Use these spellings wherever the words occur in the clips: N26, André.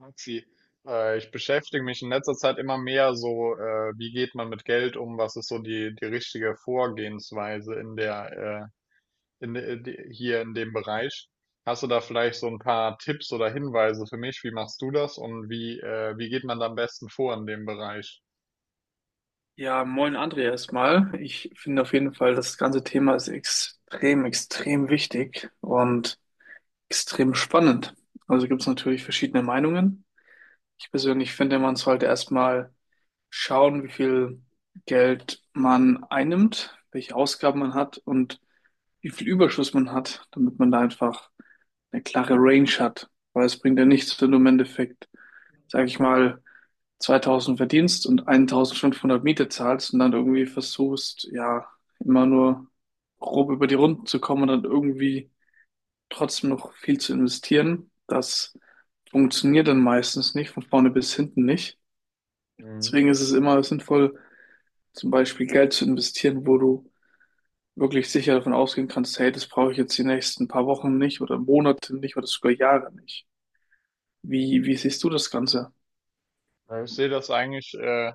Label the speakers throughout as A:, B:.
A: Maxi, ich beschäftige mich in letzter Zeit immer mehr so, wie geht man mit Geld um? Was ist so die richtige Vorgehensweise in der, in, de- de- hier in dem Bereich? Hast du da vielleicht so ein paar Tipps oder Hinweise für mich? Wie machst du das und wie geht man da am besten vor in dem Bereich?
B: Ja, moin André erstmal. Ich finde auf jeden Fall, das ganze Thema ist extrem, extrem wichtig und extrem spannend. Also gibt es natürlich verschiedene Meinungen. Ich persönlich finde, man sollte erstmal schauen, wie viel Geld man einnimmt, welche Ausgaben man hat und wie viel Überschuss man hat, damit man da einfach eine klare Range hat. Weil es bringt ja nichts, wenn du im Endeffekt, sag ich mal, 2000 verdienst und 1500 Miete zahlst und dann irgendwie versuchst, ja, immer nur grob über die Runden zu kommen und dann irgendwie trotzdem noch viel zu investieren. Das funktioniert dann meistens nicht, von vorne bis hinten nicht.
A: Mhm.
B: Deswegen ist es immer sinnvoll, zum Beispiel Geld zu investieren, wo du wirklich sicher davon ausgehen kannst, hey, das brauche ich jetzt die nächsten paar Wochen nicht oder Monate nicht oder sogar Jahre nicht. Wie siehst du das Ganze?
A: Ja, ich sehe das eigentlich,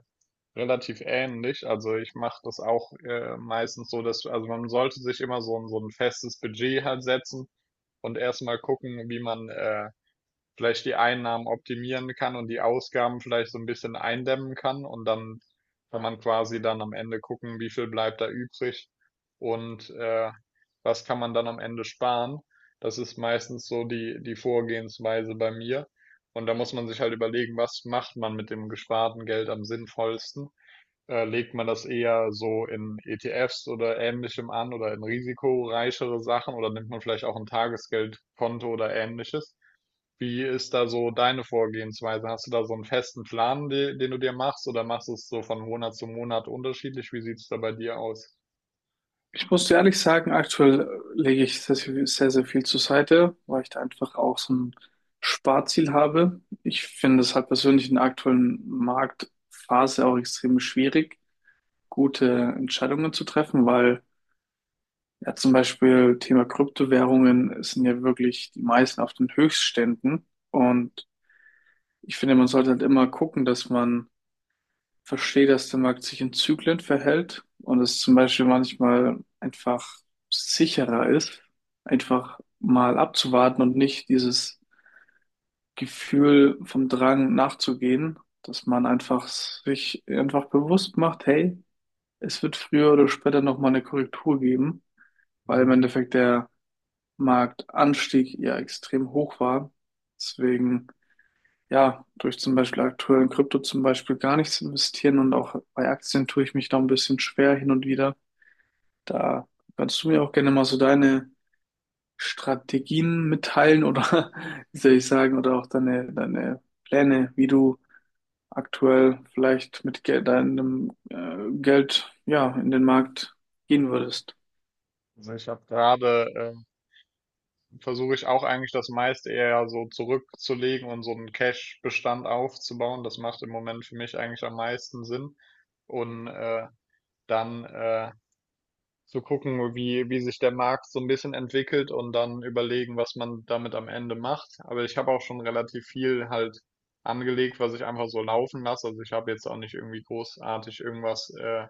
A: relativ ähnlich. Also ich mache das auch, meistens so, dass, also man sollte sich immer so ein festes Budget halt setzen und erstmal gucken, wie man vielleicht die Einnahmen optimieren kann und die Ausgaben vielleicht so ein bisschen eindämmen kann und dann kann man quasi dann am Ende gucken, wie viel bleibt da übrig und was kann man dann am Ende sparen. Das ist meistens so die Vorgehensweise bei mir. Und da muss man sich halt überlegen, was macht man mit dem gesparten Geld am sinnvollsten. Legt man das eher so in ETFs oder ähnlichem an oder in risikoreichere Sachen oder nimmt man vielleicht auch ein Tagesgeldkonto oder ähnliches? Wie ist da so deine Vorgehensweise? Hast du da so einen festen Plan, den du dir machst, oder machst du es so von Monat zu Monat unterschiedlich? Wie sieht's da bei dir aus?
B: Ich muss dir ehrlich sagen, aktuell lege ich sehr, sehr, sehr viel zur Seite, weil ich da einfach auch so ein Sparziel habe. Ich finde es halt persönlich in der aktuellen Marktphase auch extrem schwierig, gute Entscheidungen zu treffen, weil ja zum Beispiel Thema Kryptowährungen sind ja wirklich die meisten auf den Höchstständen. Und ich finde, man sollte halt immer gucken, dass man verstehe, dass der Markt sich in Zyklen verhält und es zum Beispiel manchmal einfach sicherer ist, einfach mal abzuwarten und nicht dieses Gefühl vom Drang nachzugehen, dass man einfach sich einfach bewusst macht, hey, es wird früher oder später nochmal eine Korrektur geben, weil im Endeffekt der Marktanstieg ja extrem hoch war. Deswegen ja, durch zum Beispiel aktuell in Krypto zum Beispiel gar nichts investieren und auch bei Aktien tue ich mich da ein bisschen schwer hin und wieder. Da kannst du mir auch gerne mal so deine Strategien mitteilen oder wie soll ich sagen, oder auch deine Pläne, wie du aktuell vielleicht mit Geld, deinem Geld, ja, in den Markt gehen würdest.
A: Also ich habe Gerade versuche ich auch eigentlich das meiste eher so zurückzulegen und so einen Cash-Bestand aufzubauen. Das macht im Moment für mich eigentlich am meisten Sinn. Und dann zu gucken, wie sich der Markt so ein bisschen entwickelt und dann überlegen, was man damit am Ende macht. Aber ich habe auch schon relativ viel halt angelegt, was ich einfach so laufen lasse. Also ich habe jetzt auch nicht irgendwie großartig irgendwas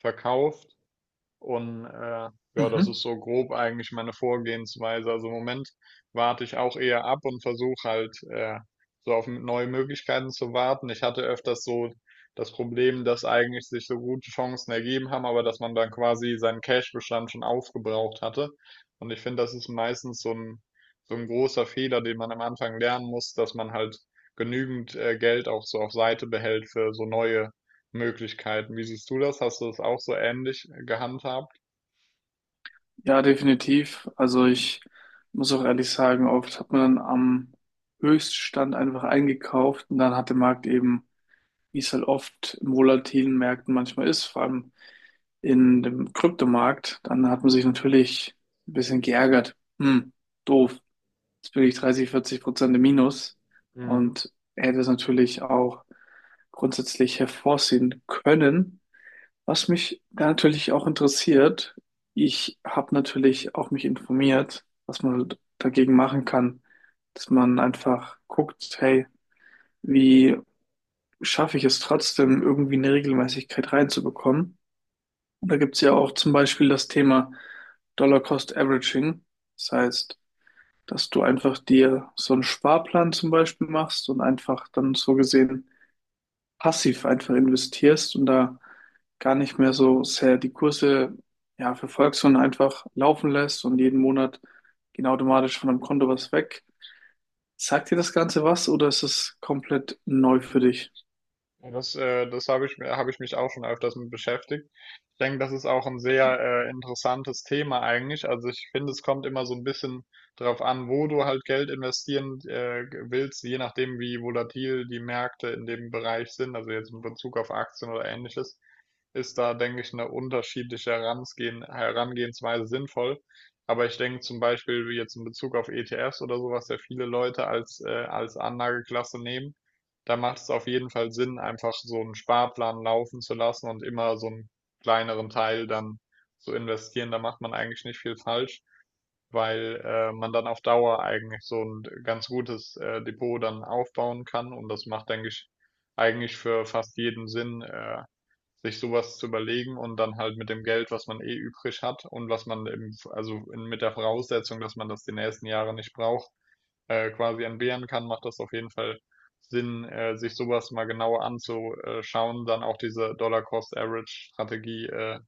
A: verkauft. Und ja, das
B: Mhm.
A: ist so grob eigentlich meine Vorgehensweise. Also im Moment warte ich auch eher ab und versuche halt so auf neue Möglichkeiten zu warten. Ich hatte öfters so das Problem, dass eigentlich sich so gute Chancen ergeben haben, aber dass man dann quasi seinen Cash-Bestand schon aufgebraucht hatte. Und ich finde, das ist meistens so ein großer Fehler, den man am Anfang lernen muss, dass man halt genügend Geld auch so auf Seite behält für so neue Möglichkeiten. Wie siehst du das? Hast du das auch so ähnlich gehandhabt?
B: Ja, definitiv. Also ich muss auch ehrlich sagen, oft hat man dann am Höchststand einfach eingekauft und dann hat der Markt eben wie es halt oft in volatilen Märkten manchmal ist, vor allem in dem Kryptomarkt, dann hat man sich natürlich ein bisschen geärgert. Hm, doof. Jetzt bin ich 30, 40% im Minus
A: Mhm.
B: und hätte es natürlich auch grundsätzlich hervorsehen können. Was mich da natürlich auch interessiert, ich habe natürlich auch mich informiert, was man dagegen machen kann, dass man einfach guckt, hey, wie schaffe ich es trotzdem, irgendwie eine Regelmäßigkeit reinzubekommen. Und da gibt es ja auch zum Beispiel das Thema Dollar Cost Averaging. Das heißt, dass du einfach dir so einen Sparplan zum Beispiel machst und einfach dann so gesehen passiv einfach investierst und da gar nicht mehr so sehr die Kurse ja, verfolgst, sondern einfach laufen lässt und jeden Monat geht automatisch von deinem Konto was weg. Sagt dir das Ganze was oder ist es komplett neu für dich?
A: Ja, Das, das habe ich mir, habe ich mich auch schon öfters mit beschäftigt. Ich denke, das ist auch ein sehr interessantes Thema eigentlich. Also ich finde, es kommt immer so ein bisschen darauf an, wo du halt Geld investieren willst, je nachdem, wie volatil die Märkte in dem Bereich sind, also jetzt in Bezug auf Aktien oder ähnliches. Ist da, denke ich, eine unterschiedliche Herangehensweise sinnvoll. Aber ich denke zum Beispiel wie jetzt in Bezug auf ETFs oder sowas, ja viele Leute als Anlageklasse nehmen, da macht es auf jeden Fall Sinn, einfach so einen Sparplan laufen zu lassen und immer so einen kleineren Teil dann zu investieren. Da macht man eigentlich nicht viel falsch, weil man dann auf Dauer eigentlich so ein ganz gutes Depot dann aufbauen kann. Und das macht, denke ich, eigentlich für fast jeden Sinn, sich sowas zu überlegen und dann halt mit dem Geld, was man eh übrig hat und was man eben, mit der Voraussetzung, dass man das die nächsten Jahre nicht braucht, quasi entbehren kann, macht das auf jeden Fall Sinn, sich sowas mal genauer anzuschauen, dann auch diese Dollar-Cost-Average-Strategie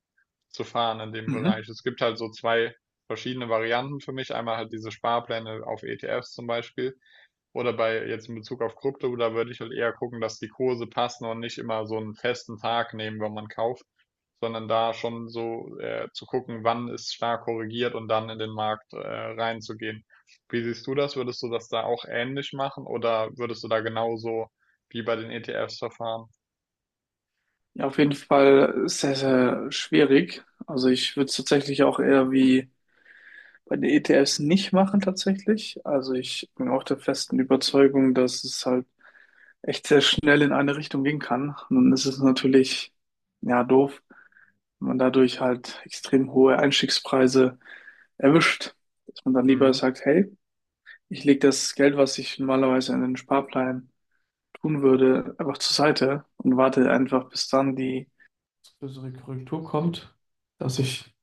A: zu fahren in dem
B: Mhm.
A: Bereich. Es gibt halt so zwei verschiedene Varianten für mich. Einmal halt diese Sparpläne auf ETFs zum Beispiel oder bei jetzt in Bezug auf Krypto, da würde ich halt eher gucken, dass die Kurse passen und nicht immer so einen festen Tag nehmen, wenn man kauft, sondern da schon so, zu gucken, wann ist stark korrigiert und dann in den Markt reinzugehen. Wie siehst du das? Würdest du das da auch ähnlich machen oder würdest du da genauso wie bei den ETFs verfahren?
B: Ja, auf jeden Fall sehr, sehr schwierig. Also ich würde es tatsächlich auch eher wie bei den ETFs nicht machen tatsächlich. Also ich bin auch der festen Überzeugung, dass es halt echt sehr schnell in eine Richtung gehen kann. Und dann ist es natürlich, ja, doof, wenn man dadurch halt extrem hohe Einstiegspreise erwischt, dass man dann lieber
A: Mhm.
B: sagt, hey, ich lege das Geld, was ich normalerweise in den Sparplan tun würde, einfach zur Seite und warte einfach, bis dann die größere Korrektur kommt, dass ich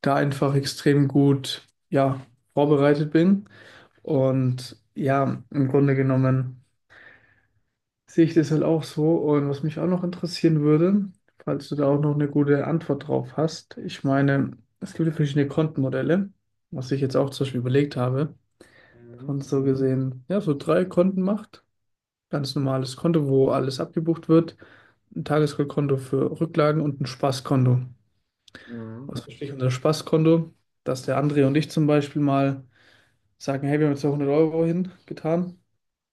B: da einfach extrem gut, ja, vorbereitet bin. Und ja, im Grunde genommen sehe ich das halt auch so. Und was mich auch noch interessieren würde, falls du da auch noch eine gute Antwort drauf hast, ich meine, es gibt ja verschiedene Kontenmodelle, was ich jetzt auch zum Beispiel überlegt habe, dass
A: Mhm.
B: man so gesehen, ja, so drei Konten macht. Ganz normales Konto, wo alles abgebucht wird, ein Tagesgeldkonto für Rücklagen und ein Spaßkonto.
A: Mhm.
B: Was verstehe ich unter Spaßkonto, dass der André und ich zum Beispiel mal sagen, hey, wir haben jetzt da 100 Euro hingetan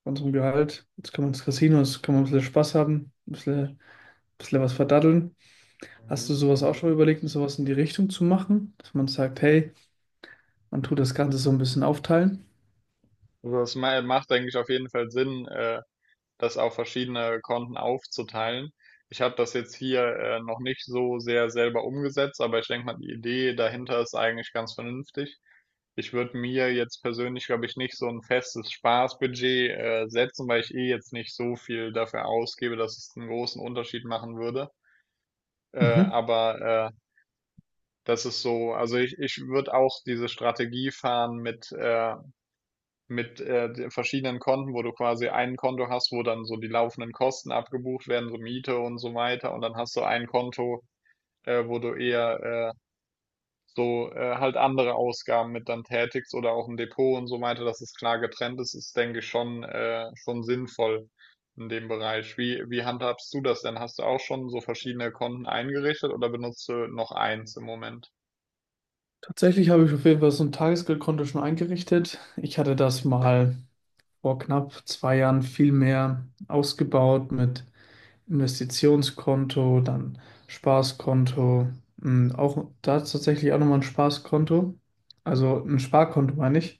B: von unserem Gehalt, jetzt können wir ins Casino, jetzt können wir ein bisschen Spaß haben, ein bisschen was verdaddeln. Hast du
A: Mhm.
B: sowas auch schon mal überlegt, sowas in die Richtung zu machen, dass man sagt, hey, man tut das Ganze so ein bisschen aufteilen?
A: Also, das ma macht, denke ich, auf jeden Fall Sinn, das auf verschiedene Konten aufzuteilen. Ich habe das jetzt hier noch nicht so sehr selber umgesetzt, aber ich denke mal, die Idee dahinter ist eigentlich ganz vernünftig. Ich würde mir jetzt persönlich, glaube ich, nicht so ein festes Spaßbudget setzen, weil ich eh jetzt nicht so viel dafür ausgebe, dass es einen großen Unterschied machen würde. Äh,
B: Mhm.
A: aber äh, das ist so, also ich würde auch diese Strategie fahren mit den verschiedenen Konten, wo du quasi ein Konto hast, wo dann so die laufenden Kosten abgebucht werden, so Miete und so weiter. Und dann hast du ein Konto, wo du eher halt andere Ausgaben mit dann tätigst oder auch ein Depot und so weiter, dass es klar getrennt ist, denke ich, schon sinnvoll in dem Bereich. Wie handhabst du das denn? Hast du auch schon so verschiedene Konten eingerichtet oder benutzt du noch eins im Moment?
B: Tatsächlich habe ich auf jeden Fall so ein Tagesgeldkonto schon eingerichtet. Ich hatte das mal vor knapp 2 Jahren viel mehr ausgebaut mit Investitionskonto, dann Spaßkonto, auch da ist tatsächlich auch nochmal ein Spaßkonto, also ein Sparkonto meine ich.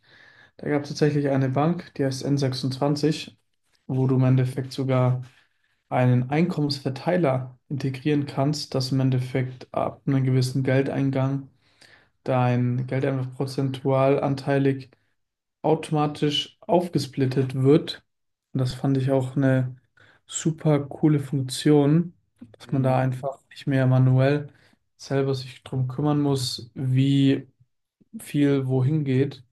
B: Da gab es tatsächlich eine Bank, die heißt N26, wo du im Endeffekt sogar einen Einkommensverteiler integrieren kannst, dass im Endeffekt ab einem gewissen Geldeingang dein Geld einfach prozentual anteilig automatisch aufgesplittet wird. Und das fand ich auch eine super coole Funktion, dass man da
A: Mhm.
B: einfach nicht mehr manuell selber sich drum kümmern muss, wie viel wohin geht.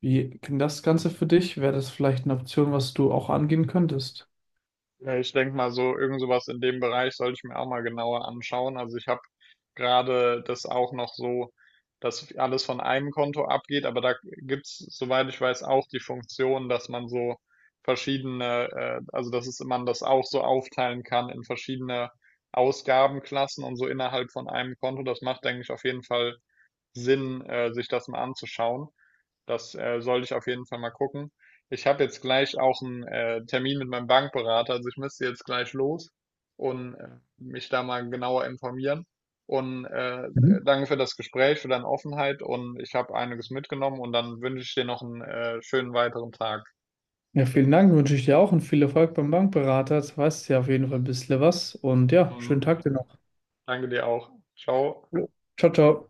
B: Wie klingt das Ganze für dich? Wäre das vielleicht eine Option, was du auch angehen könntest?
A: Ja, ich denke mal, so irgend sowas in dem Bereich sollte ich mir auch mal genauer anschauen. Also ich habe gerade das auch noch so, dass alles von einem Konto abgeht, aber da gibt's, soweit ich weiß, auch die Funktion, dass man so verschiedene, man das auch so aufteilen kann in verschiedene Ausgabenklassen und so innerhalb von einem Konto. Das macht, denke ich, auf jeden Fall Sinn, sich das mal anzuschauen. Das sollte ich auf jeden Fall mal gucken. Ich habe jetzt gleich auch einen Termin mit meinem Bankberater, also ich müsste jetzt gleich los und mich da mal genauer informieren. Und
B: Mhm.
A: danke für das Gespräch, für deine Offenheit und ich habe einiges mitgenommen und dann wünsche ich dir noch einen schönen weiteren Tag.
B: Ja, vielen Dank, wünsche ich dir auch und viel Erfolg beim Bankberater. Jetzt weißt du ja auf jeden Fall ein bisschen was und ja, schönen
A: Mhm.
B: Tag dir noch.
A: Danke dir auch. Ciao.
B: Jo. Ciao, ciao.